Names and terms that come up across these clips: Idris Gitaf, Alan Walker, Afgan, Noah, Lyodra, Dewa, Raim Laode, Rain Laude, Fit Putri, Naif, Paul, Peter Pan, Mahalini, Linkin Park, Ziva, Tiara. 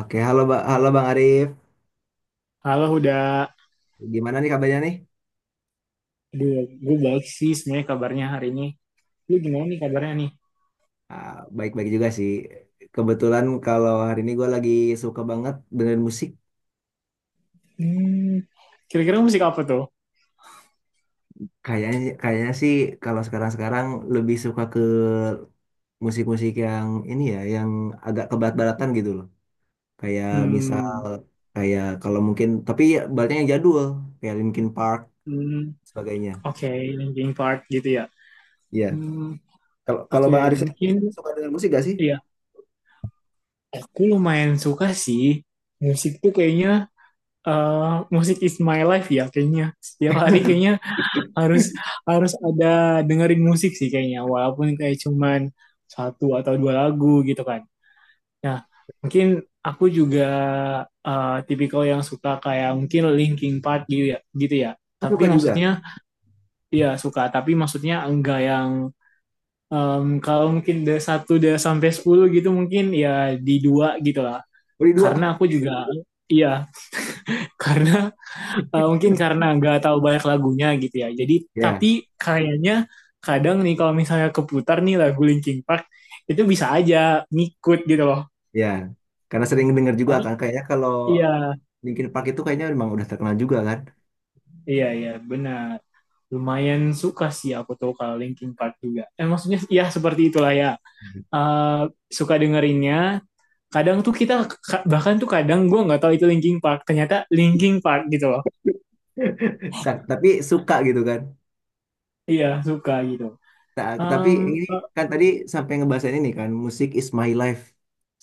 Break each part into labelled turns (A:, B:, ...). A: Oke, halo, halo Bang Arif.
B: Halo Huda,
A: Gimana nih kabarnya nih?
B: aduh gue baik sih sebenarnya kabarnya hari ini. Lu gimana nih kabarnya nih?
A: Ah, baik-baik juga sih. Kebetulan kalau hari ini gue lagi suka banget dengan musik.
B: Hmm, kira-kira musik apa tuh?
A: Kayaknya kayaknya sih kalau sekarang-sekarang lebih suka ke musik-musik yang ini ya, yang agak kebarat-baratan gitu loh. Kayak misal
B: Hmm,
A: kayak kalau mungkin tapi ya baratnya yang jadul, kayak Linkin Park
B: hmm,
A: sebagainya.
B: oke, Linkin Park gitu ya.
A: Iya.
B: Hmm,
A: Kalau kalau
B: oke,
A: Bang Arif sendiri
B: mungkin
A: suka dengan musik gak sih?
B: ya. Aku lumayan suka sih musik tuh kayaknya eh, musik is my life ya kayaknya. Setiap hari kayaknya harus harus ada dengerin musik sih kayaknya walaupun kayak cuman satu atau dua lagu gitu kan. Ya, mungkin aku juga tipikal yang suka kayak mungkin Linkin Park gitu ya, gitu ya.
A: Oh,
B: Tapi
A: suka juga.
B: maksudnya ya suka, tapi maksudnya enggak yang kalau mungkin dari satu dari sampai 10 gitu mungkin ya di dua gitu lah.
A: Beri
B: Karena
A: dua.
B: aku juga iya, karena mungkin karena enggak tahu banyak lagunya gitu ya. Jadi
A: Ya.
B: tapi kayaknya kadang nih kalau misalnya keputar nih lagu Linkin Park itu bisa aja ngikut gitu loh.
A: Ya, karena sering dengar juga
B: Tapi
A: kan kayaknya kalau
B: iya.
A: Linkin Park itu kayaknya memang udah terkenal juga kan.
B: Iya, iya, benar. Lumayan suka sih aku tuh kalau Linkin Park juga. Maksudnya ya seperti itulah ya. Eh, suka dengerinnya. Kadang tuh kita, bahkan tuh kadang gue nggak tahu itu Linkin Park. Ternyata Linkin Park gitu loh.
A: Tapi suka gitu kan.
B: Iya, suka gitu.
A: Tapi
B: Em,
A: ini
B: eh,
A: kan tadi sampai ngebahas ini kan musik is my life.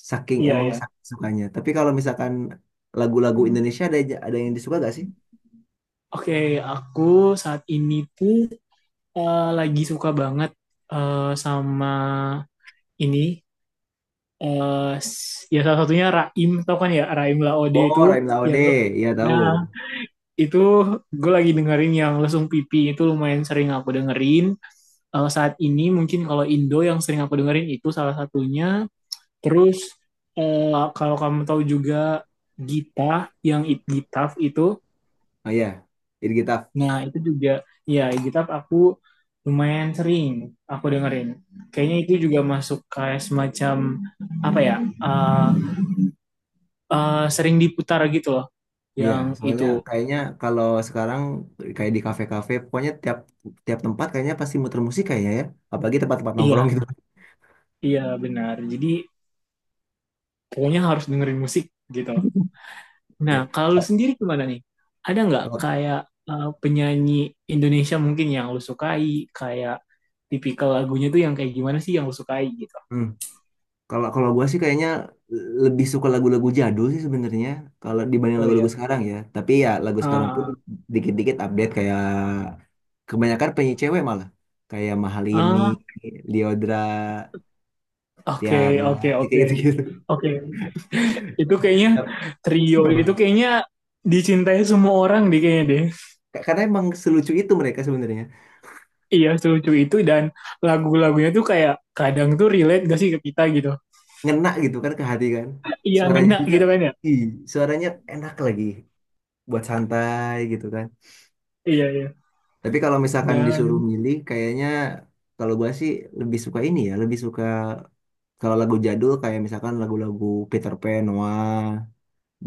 A: Saking
B: iya,
A: emang
B: iya.
A: saking sukanya. Tapi kalau misalkan lagu-lagu Indonesia ada yang disuka gak sih?
B: Oke, aku saat ini tuh lagi suka banget sama ini. eh ya salah satunya Raim, tau kan ya Raim Laode
A: Oh,
B: itu
A: Rain Laude,
B: yang.
A: iya tahu.
B: Nah, itu gue lagi dengerin yang lesung pipi itu lumayan sering aku dengerin. Saat ini mungkin kalau Indo yang sering aku dengerin itu salah satunya. Terus kalau kamu tahu juga Gita yang It Gitaf itu,
A: Oh iya, Idris Gitaf.
B: nah itu juga ya It Gitaf aku lumayan sering aku dengerin. Kayaknya itu juga masuk kayak semacam apa ya? eh, sering diputar gitu loh
A: Iya,
B: yang
A: soalnya
B: itu.
A: kayaknya kalau sekarang kayak di kafe-kafe, pokoknya tiap tiap tempat kayaknya pasti muter musik kayaknya ya. Apalagi tempat-tempat nongkrong
B: Iya,
A: gitu.
B: iya benar. Jadi pokoknya harus dengerin musik gitu. Nah,
A: Ya.
B: kalau lu sendiri gimana nih? Ada nggak
A: Kalau
B: kayak penyanyi Indonesia mungkin yang lu sukai, kayak tipikal lagunya tuh yang kayak gimana sih yang lu sukai gitu?
A: hmm, kalau kalau gue sih kayaknya lebih suka lagu-lagu jadul sih sebenarnya kalau dibanding
B: Oh
A: lagu-lagu
B: ya.
A: sekarang ya. Tapi ya lagu sekarang pun
B: Ah,
A: dikit-dikit update kayak kebanyakan penyanyi cewek malah kayak Mahalini,
B: ah,
A: Lyodra,
B: oke,
A: Tiara,
B: oke,
A: ya kayak
B: oke.
A: gitu-gitu.
B: Oke, itu kayaknya trio itu
A: Emang.
B: kayaknya dicintai semua orang deh kayaknya deh.
A: Karena emang selucu itu mereka sebenarnya.
B: Iya, selucu itu dan lagu-lagunya tuh kayak kadang tuh relate gak sih ke kita gitu.
A: Ngena gitu kan ke hati kan.
B: Iya,
A: Suaranya
B: ngena
A: juga,
B: gitu kan ya.
A: ih, suaranya enak lagi buat santai gitu kan.
B: Iya, iya.
A: Tapi kalau misalkan disuruh
B: Dan,
A: milih, kayaknya kalau gua sih lebih suka ini ya, lebih suka kalau lagu jadul kayak misalkan lagu-lagu Peter Pan, Noah,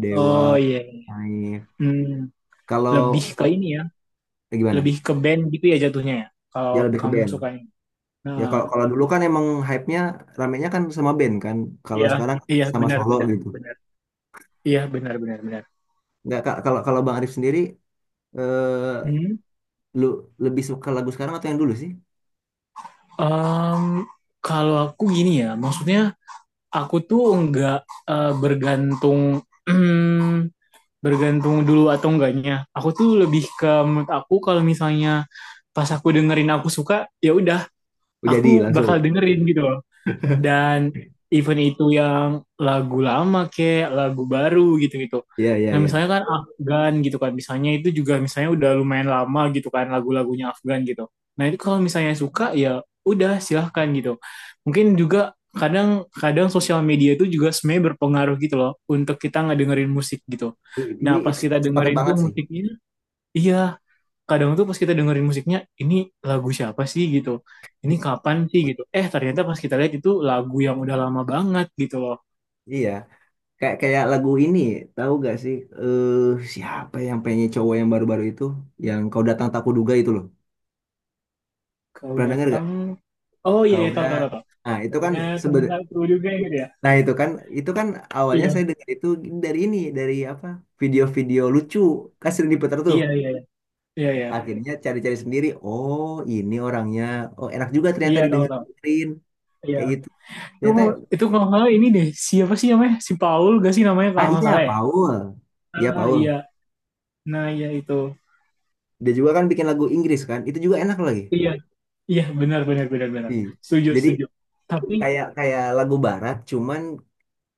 A: Dewa,
B: oh iya. Iya.
A: Naif.
B: Hmm, lebih
A: Kalau
B: ke ini ya, lebih
A: Gimana?
B: ke band gitu ya jatuhnya ya. Kalau
A: Ya lebih ke
B: kamu
A: band.
B: sukanya.
A: Ya
B: Nah,
A: kalau kalau dulu kan emang hype-nya ramenya kan sama band kan. Kalau
B: iya,
A: sekarang
B: iya
A: sama
B: benar
A: solo
B: benar
A: gitu.
B: benar. Iya benar benar benar.
A: Nggak Kak, kalau kalau Bang Arif sendiri eh
B: Hmm.
A: lu lebih suka lagu sekarang atau yang dulu sih?
B: em, kalau aku gini ya, maksudnya aku tuh nggak bergantung bergantung dulu atau enggaknya. Aku tuh lebih ke menurut aku kalau misalnya pas aku dengerin aku suka, ya udah,
A: Oh, jadi
B: aku
A: langsung.
B: bakal dengerin gitu dan event itu yang lagu lama kayak lagu baru gitu-gitu.
A: Iya, iya,
B: Nah
A: iya.
B: misalnya kan Afgan gitu kan, misalnya itu juga misalnya udah lumayan lama gitu kan lagu-lagunya Afgan gitu. Nah itu kalau misalnya suka ya udah silahkan gitu. Mungkin juga kadang kadang sosial media itu juga sebenarnya berpengaruh gitu loh untuk kita ngedengerin musik gitu. Nah
A: Ini
B: pas
A: it's
B: kita
A: sepakat
B: dengerin tuh
A: banget sih.
B: musiknya, iya kadang tuh pas kita dengerin musiknya ini lagu siapa sih gitu ini kapan sih gitu eh ternyata pas kita lihat itu lagu yang udah lama banget gitu loh.
A: Iya. Kayak kayak lagu ini, tahu gak sih? Eh Siapa yang penyanyi cowok yang baru-baru itu, yang kau datang tak kuduga itu loh.
B: Kau
A: Pernah denger gak?
B: datang. Oh iya
A: Kau
B: iya, tahu
A: udah.
B: tahu tahu tahu.
A: Nah itu
B: Kau
A: kan
B: datang
A: seben.
B: satu juga gitu ya.
A: Nah itu kan awalnya
B: Iya
A: saya dengar itu dari apa? Video-video lucu kan sering diputar tuh.
B: iya iya iya iya iya
A: Akhirnya cari-cari sendiri. Oh ini orangnya. Oh enak juga ternyata
B: iya. Tahu tahu.
A: didengerin
B: Iya,
A: kayak gitu.
B: itu.
A: Ternyata
B: Itu kalau nggak salah ini deh siapa sih namanya si Paul gak sih namanya
A: ah
B: kalau nggak
A: Iya
B: salah ya.
A: Paul, iya
B: Ah
A: Paul.
B: iya. Nah iya itu.
A: Dia juga kan bikin lagu Inggris kan. Itu juga enak lagi.
B: Iya iya benar benar benar benar.
A: Ih,
B: Setuju
A: jadi
B: setuju. Tapi
A: kayak kayak lagu barat cuman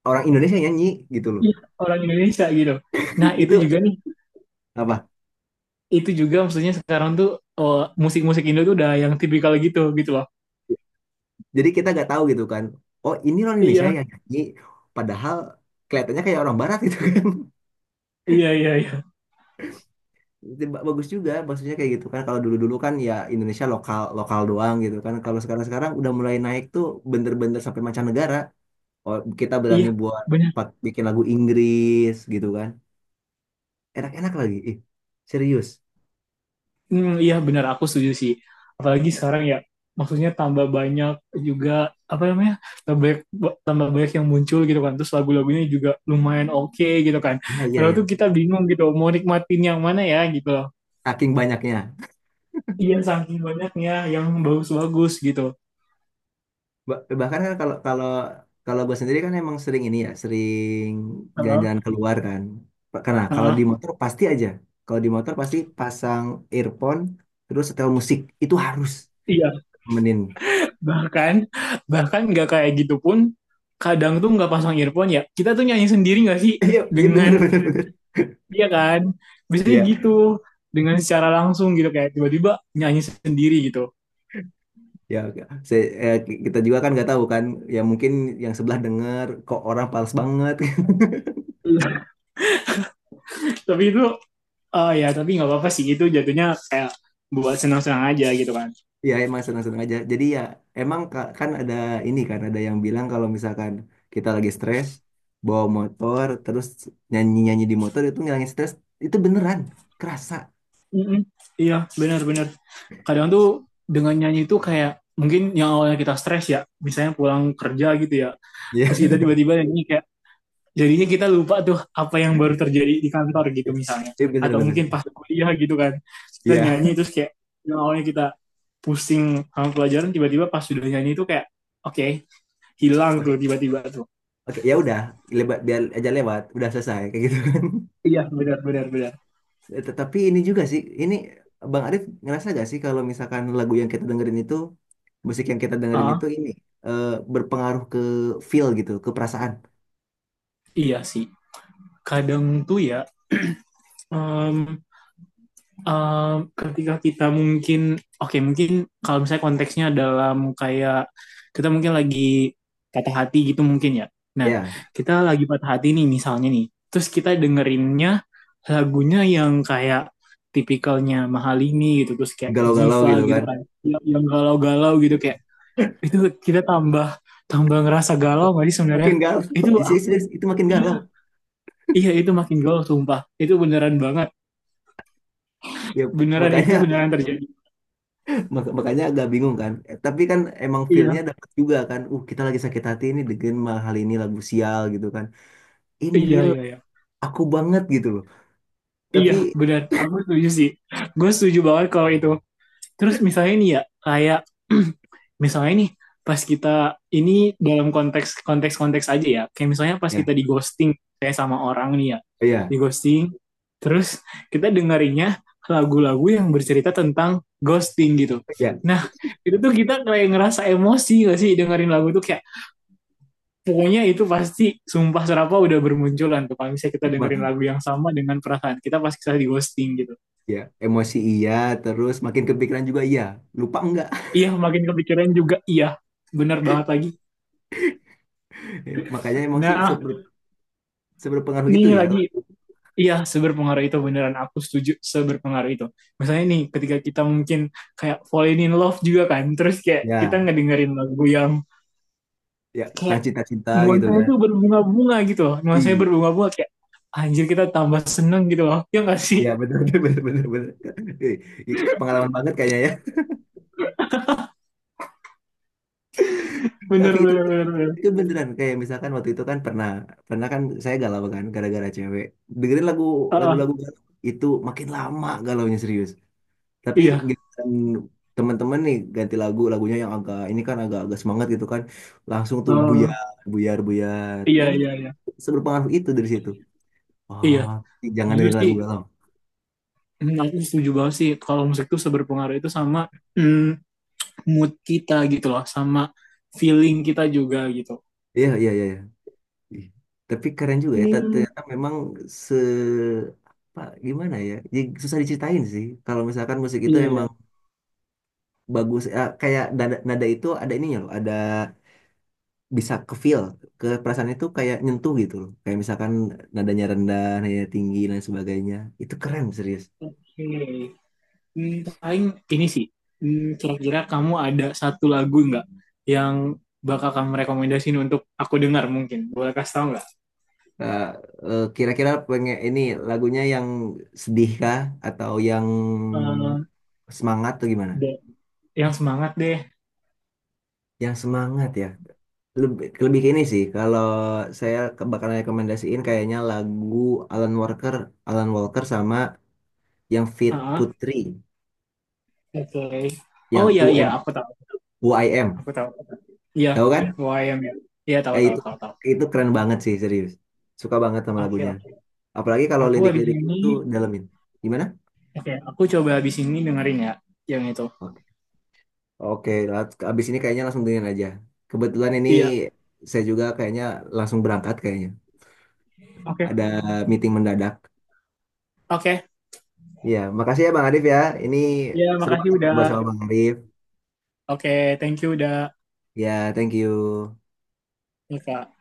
A: orang Indonesia nyanyi gitu loh.
B: iya orang Indonesia gitu. Nah itu
A: Itu
B: juga nih,
A: apa,
B: itu juga maksudnya sekarang tuh oh, musik-musik Indo tuh udah yang tipikal gitu gitu loh.
A: jadi kita nggak tahu gitu kan, oh ini orang Indonesia
B: Iya,
A: yang nyanyi padahal kelihatannya kayak orang barat gitu kan.
B: iya, iya, iya.
A: Itu bagus juga maksudnya kayak gitu kan. Kalau dulu-dulu kan ya Indonesia lokal lokal doang gitu kan, kalau sekarang-sekarang udah mulai naik tuh, bener-bener sampai mancanegara. Oh, kita berani
B: Iya,
A: buat
B: benar.
A: buat bikin lagu Inggris gitu kan, enak-enak lagi ih serius,
B: Iya, benar aku setuju sih. Apalagi sekarang ya maksudnya tambah banyak juga apa namanya? tambah banyak, tambah banyak yang muncul gitu kan. Terus lagu-lagunya juga lumayan oke gitu kan.
A: iya iya
B: Kalau
A: iya,
B: tuh kita bingung gitu mau nikmatin yang mana ya gitu loh.
A: saking banyaknya.
B: Iya, saking banyaknya yang bagus-bagus gitu.
A: Bahkan kan kalau kalau kalau gue sendiri kan emang sering ini ya, sering
B: Heeh,
A: jalan-jalan keluar kan. Karena kalau di
B: heeh.
A: motor pasti aja, kalau di motor pasti pasang earphone terus setel musik itu harus
B: Iya,
A: temenin.
B: bahkan bahkan nggak kayak gitu pun kadang tuh nggak pasang earphone ya kita tuh nyanyi sendiri nggak sih
A: Iya iya bener
B: dengan
A: bener bener,
B: dia ya kan biasanya
A: iya,
B: gitu dengan secara langsung gitu kayak tiba-tiba nyanyi sendiri gitu.
A: ya oke. Saya- eh, Kita juga kan nggak tahu kan, ya mungkin yang sebelah denger kok orang pals banget.
B: Tapi itu oh ya tapi nggak apa-apa sih itu jatuhnya kayak buat senang-senang aja gitu kan.
A: Ya emang senang-senang aja. Jadi ya emang kan ada ini kan ada yang bilang kalau misalkan kita lagi stres bawa motor terus nyanyi-nyanyi di motor itu ngilangin stres, itu beneran kerasa.
B: Mm-mm. Iya benar-benar kadang tuh dengan nyanyi itu kayak mungkin yang awalnya kita stres ya misalnya pulang kerja gitu ya
A: Ya.
B: terus kita tiba-tiba nyanyi kayak jadinya kita lupa tuh apa yang baru terjadi di kantor gitu misalnya
A: Iya
B: atau
A: bener-bener
B: mungkin pas
A: serius.
B: kuliah gitu kan kita
A: Iya.
B: nyanyi terus kayak yang awalnya kita pusing sama pelajaran tiba-tiba pas sudah nyanyi itu kayak oke okay, hilang
A: Oke.
B: tuh tiba-tiba tuh
A: Oke, ya udah, lebat biar aja lewat, udah selesai kayak gitu kan.
B: iya benar benar benar.
A: Tetapi ini juga sih, ini Bang Arif ngerasa gak sih kalau misalkan lagu yang kita dengerin itu, musik yang kita dengerin
B: Ah
A: itu eh, berpengaruh ke feel gitu, ke perasaan.
B: iya sih kadang tuh ya em, um, ketika kita mungkin oke okay, mungkin kalau misalnya konteksnya dalam kayak kita mungkin lagi patah hati gitu mungkin ya. Nah,
A: Ya.
B: kita lagi patah hati nih misalnya nih. Terus kita dengerinnya lagunya yang kayak tipikalnya Mahalini gitu terus kayak
A: Galau-galau
B: Ziva
A: gitu
B: gitu
A: kan,
B: kan. Yang galau-galau gitu kayak itu kita tambah tambah ngerasa galau nggak sih sebenarnya?
A: makin galau.
B: Itu aku
A: Itu makin
B: iya
A: galau
B: iya itu makin galau sumpah. Itu beneran banget.
A: ya,
B: Beneran itu
A: makanya.
B: beneran terjadi.
A: Makanya agak bingung kan. Eh, tapi kan emang feelnya
B: Iya.
A: dapat juga kan, kita lagi sakit hati ini dengan mah hal ini lagu sial gitu kan, ini
B: Iya,
A: real
B: iya, iya.
A: aku banget gitu loh. Tapi
B: Iya, benar. Aku setuju sih. Gue setuju banget kalau itu. Terus misalnya nih ya, kayak misalnya nih pas kita ini dalam konteks konteks konteks aja ya. Kayak misalnya pas
A: ya,
B: kita di ghosting kayak sama orang nih ya.
A: oh
B: Di
A: ya,
B: ghosting terus kita dengerinnya lagu-lagu yang bercerita tentang ghosting gitu.
A: ya
B: Nah, itu tuh kita kayak ngerasa emosi gak sih dengerin lagu tuh kayak pokoknya itu pasti sumpah serapa udah bermunculan tuh kalau misalnya kita
A: ma-
B: dengerin lagu yang sama dengan perasaan kita pas kita di ghosting gitu
A: ya emosi iya, terus makin kepikiran juga iya, lupa enggak.
B: iya makin kepikiran juga iya benar banget lagi.
A: Ya, makanya emang sih
B: Nah
A: seberpengaruh
B: ini
A: itu ya,
B: lagi iya seberpengaruh itu beneran aku setuju seberpengaruh itu misalnya nih ketika kita mungkin kayak falling in love juga kan terus kayak kita
A: ya
B: ngedengerin lagu yang
A: ya tentang
B: kayak
A: cinta-cinta gitu
B: nuansanya
A: kan.
B: itu berbunga-bunga gitu loh nuansanya
A: Iya.
B: berbunga-bunga kayak anjir kita tambah seneng gitu loh ya nggak sih
A: Iya benar-benar, benar-benar betul. Ih, ih, pengalaman banget kayaknya ya. Tapi
B: bener bener
A: tapi
B: bener, bener.
A: itu beneran kayak misalkan waktu itu kan pernah pernah kan saya galau kan gara-gara cewek. Dengerin lagu
B: Uh,
A: lagu-lagu galau, itu makin lama galaunya serius. Tapi
B: iya.
A: giliran teman-teman nih ganti lagunya yang agak ini kan agak agak semangat gitu kan, langsung tuh
B: Oh,
A: buyar buyar buyar.
B: iya
A: Oh,
B: iya iya.
A: seberpengaruh itu dari situ.
B: Iya,
A: Oh jangan
B: jujur
A: dengerin
B: sih
A: lagu galau.
B: aku setuju banget sih kalau musik tuh seberpengaruh itu sama hmm, mood kita gitu loh, sama feeling kita juga gitu.
A: Iya iya iya, iya. Ih, tapi keren juga ya,
B: hmm,
A: ternyata memang se apa, gimana ya? Jadi susah diceritain sih. Kalau misalkan musik itu
B: iya iya.
A: emang bagus ya, kayak nada, nada itu ada ininya loh, ada bisa ke feel, ke perasaan itu kayak nyentuh gitu loh. Kayak misalkan nadanya rendah, nadanya tinggi dan sebagainya. Itu keren serius.
B: Oke. Hmm, paling ini sih, kira-kira kamu ada satu lagu nggak yang bakal kamu rekomendasiin untuk aku dengar mungkin? Boleh kasih tahu nggak?
A: Eh, Kira-kira pengen ini lagunya yang sedih kah atau yang
B: Eh,
A: semangat atau gimana?
B: de- yang semangat deh.
A: Yang semangat ya. Lebih ke ini sih, kalau saya bakal rekomendasiin kayaknya lagu Alan Walker, Alan Walker, yang Fit
B: Ah,
A: Putri,
B: oke. Oh
A: yang
B: iya
A: U
B: iya,
A: UM,
B: aku tahu.
A: UIM,
B: Aku tahu. Iya,
A: tahu kan?
B: UAM ya. Iya,
A: Ya.
B: tahu
A: Ya
B: tahu
A: itu
B: tahu tahu.
A: itu keren banget sih serius, suka banget sama
B: Oke,
A: lagunya.
B: oke.
A: Apalagi kalau
B: Aku habis
A: lirik-lirik
B: ini
A: itu dalemin. Gimana?
B: oke, aku coba habis ini dengerin ya yang itu.
A: Oke, oke. Abis ini kayaknya langsung dengerin aja. Kebetulan ini
B: Iya,
A: saya juga kayaknya langsung berangkat kayaknya.
B: oke.
A: Ada meeting mendadak.
B: Oke.
A: Iya, makasih ya Bang Arif ya. Ini
B: Ya,
A: seru
B: makasih
A: banget
B: udah
A: ngobrol sama Bang Arif.
B: oke, thank you udah
A: Ya, thank you.
B: ya, Kak.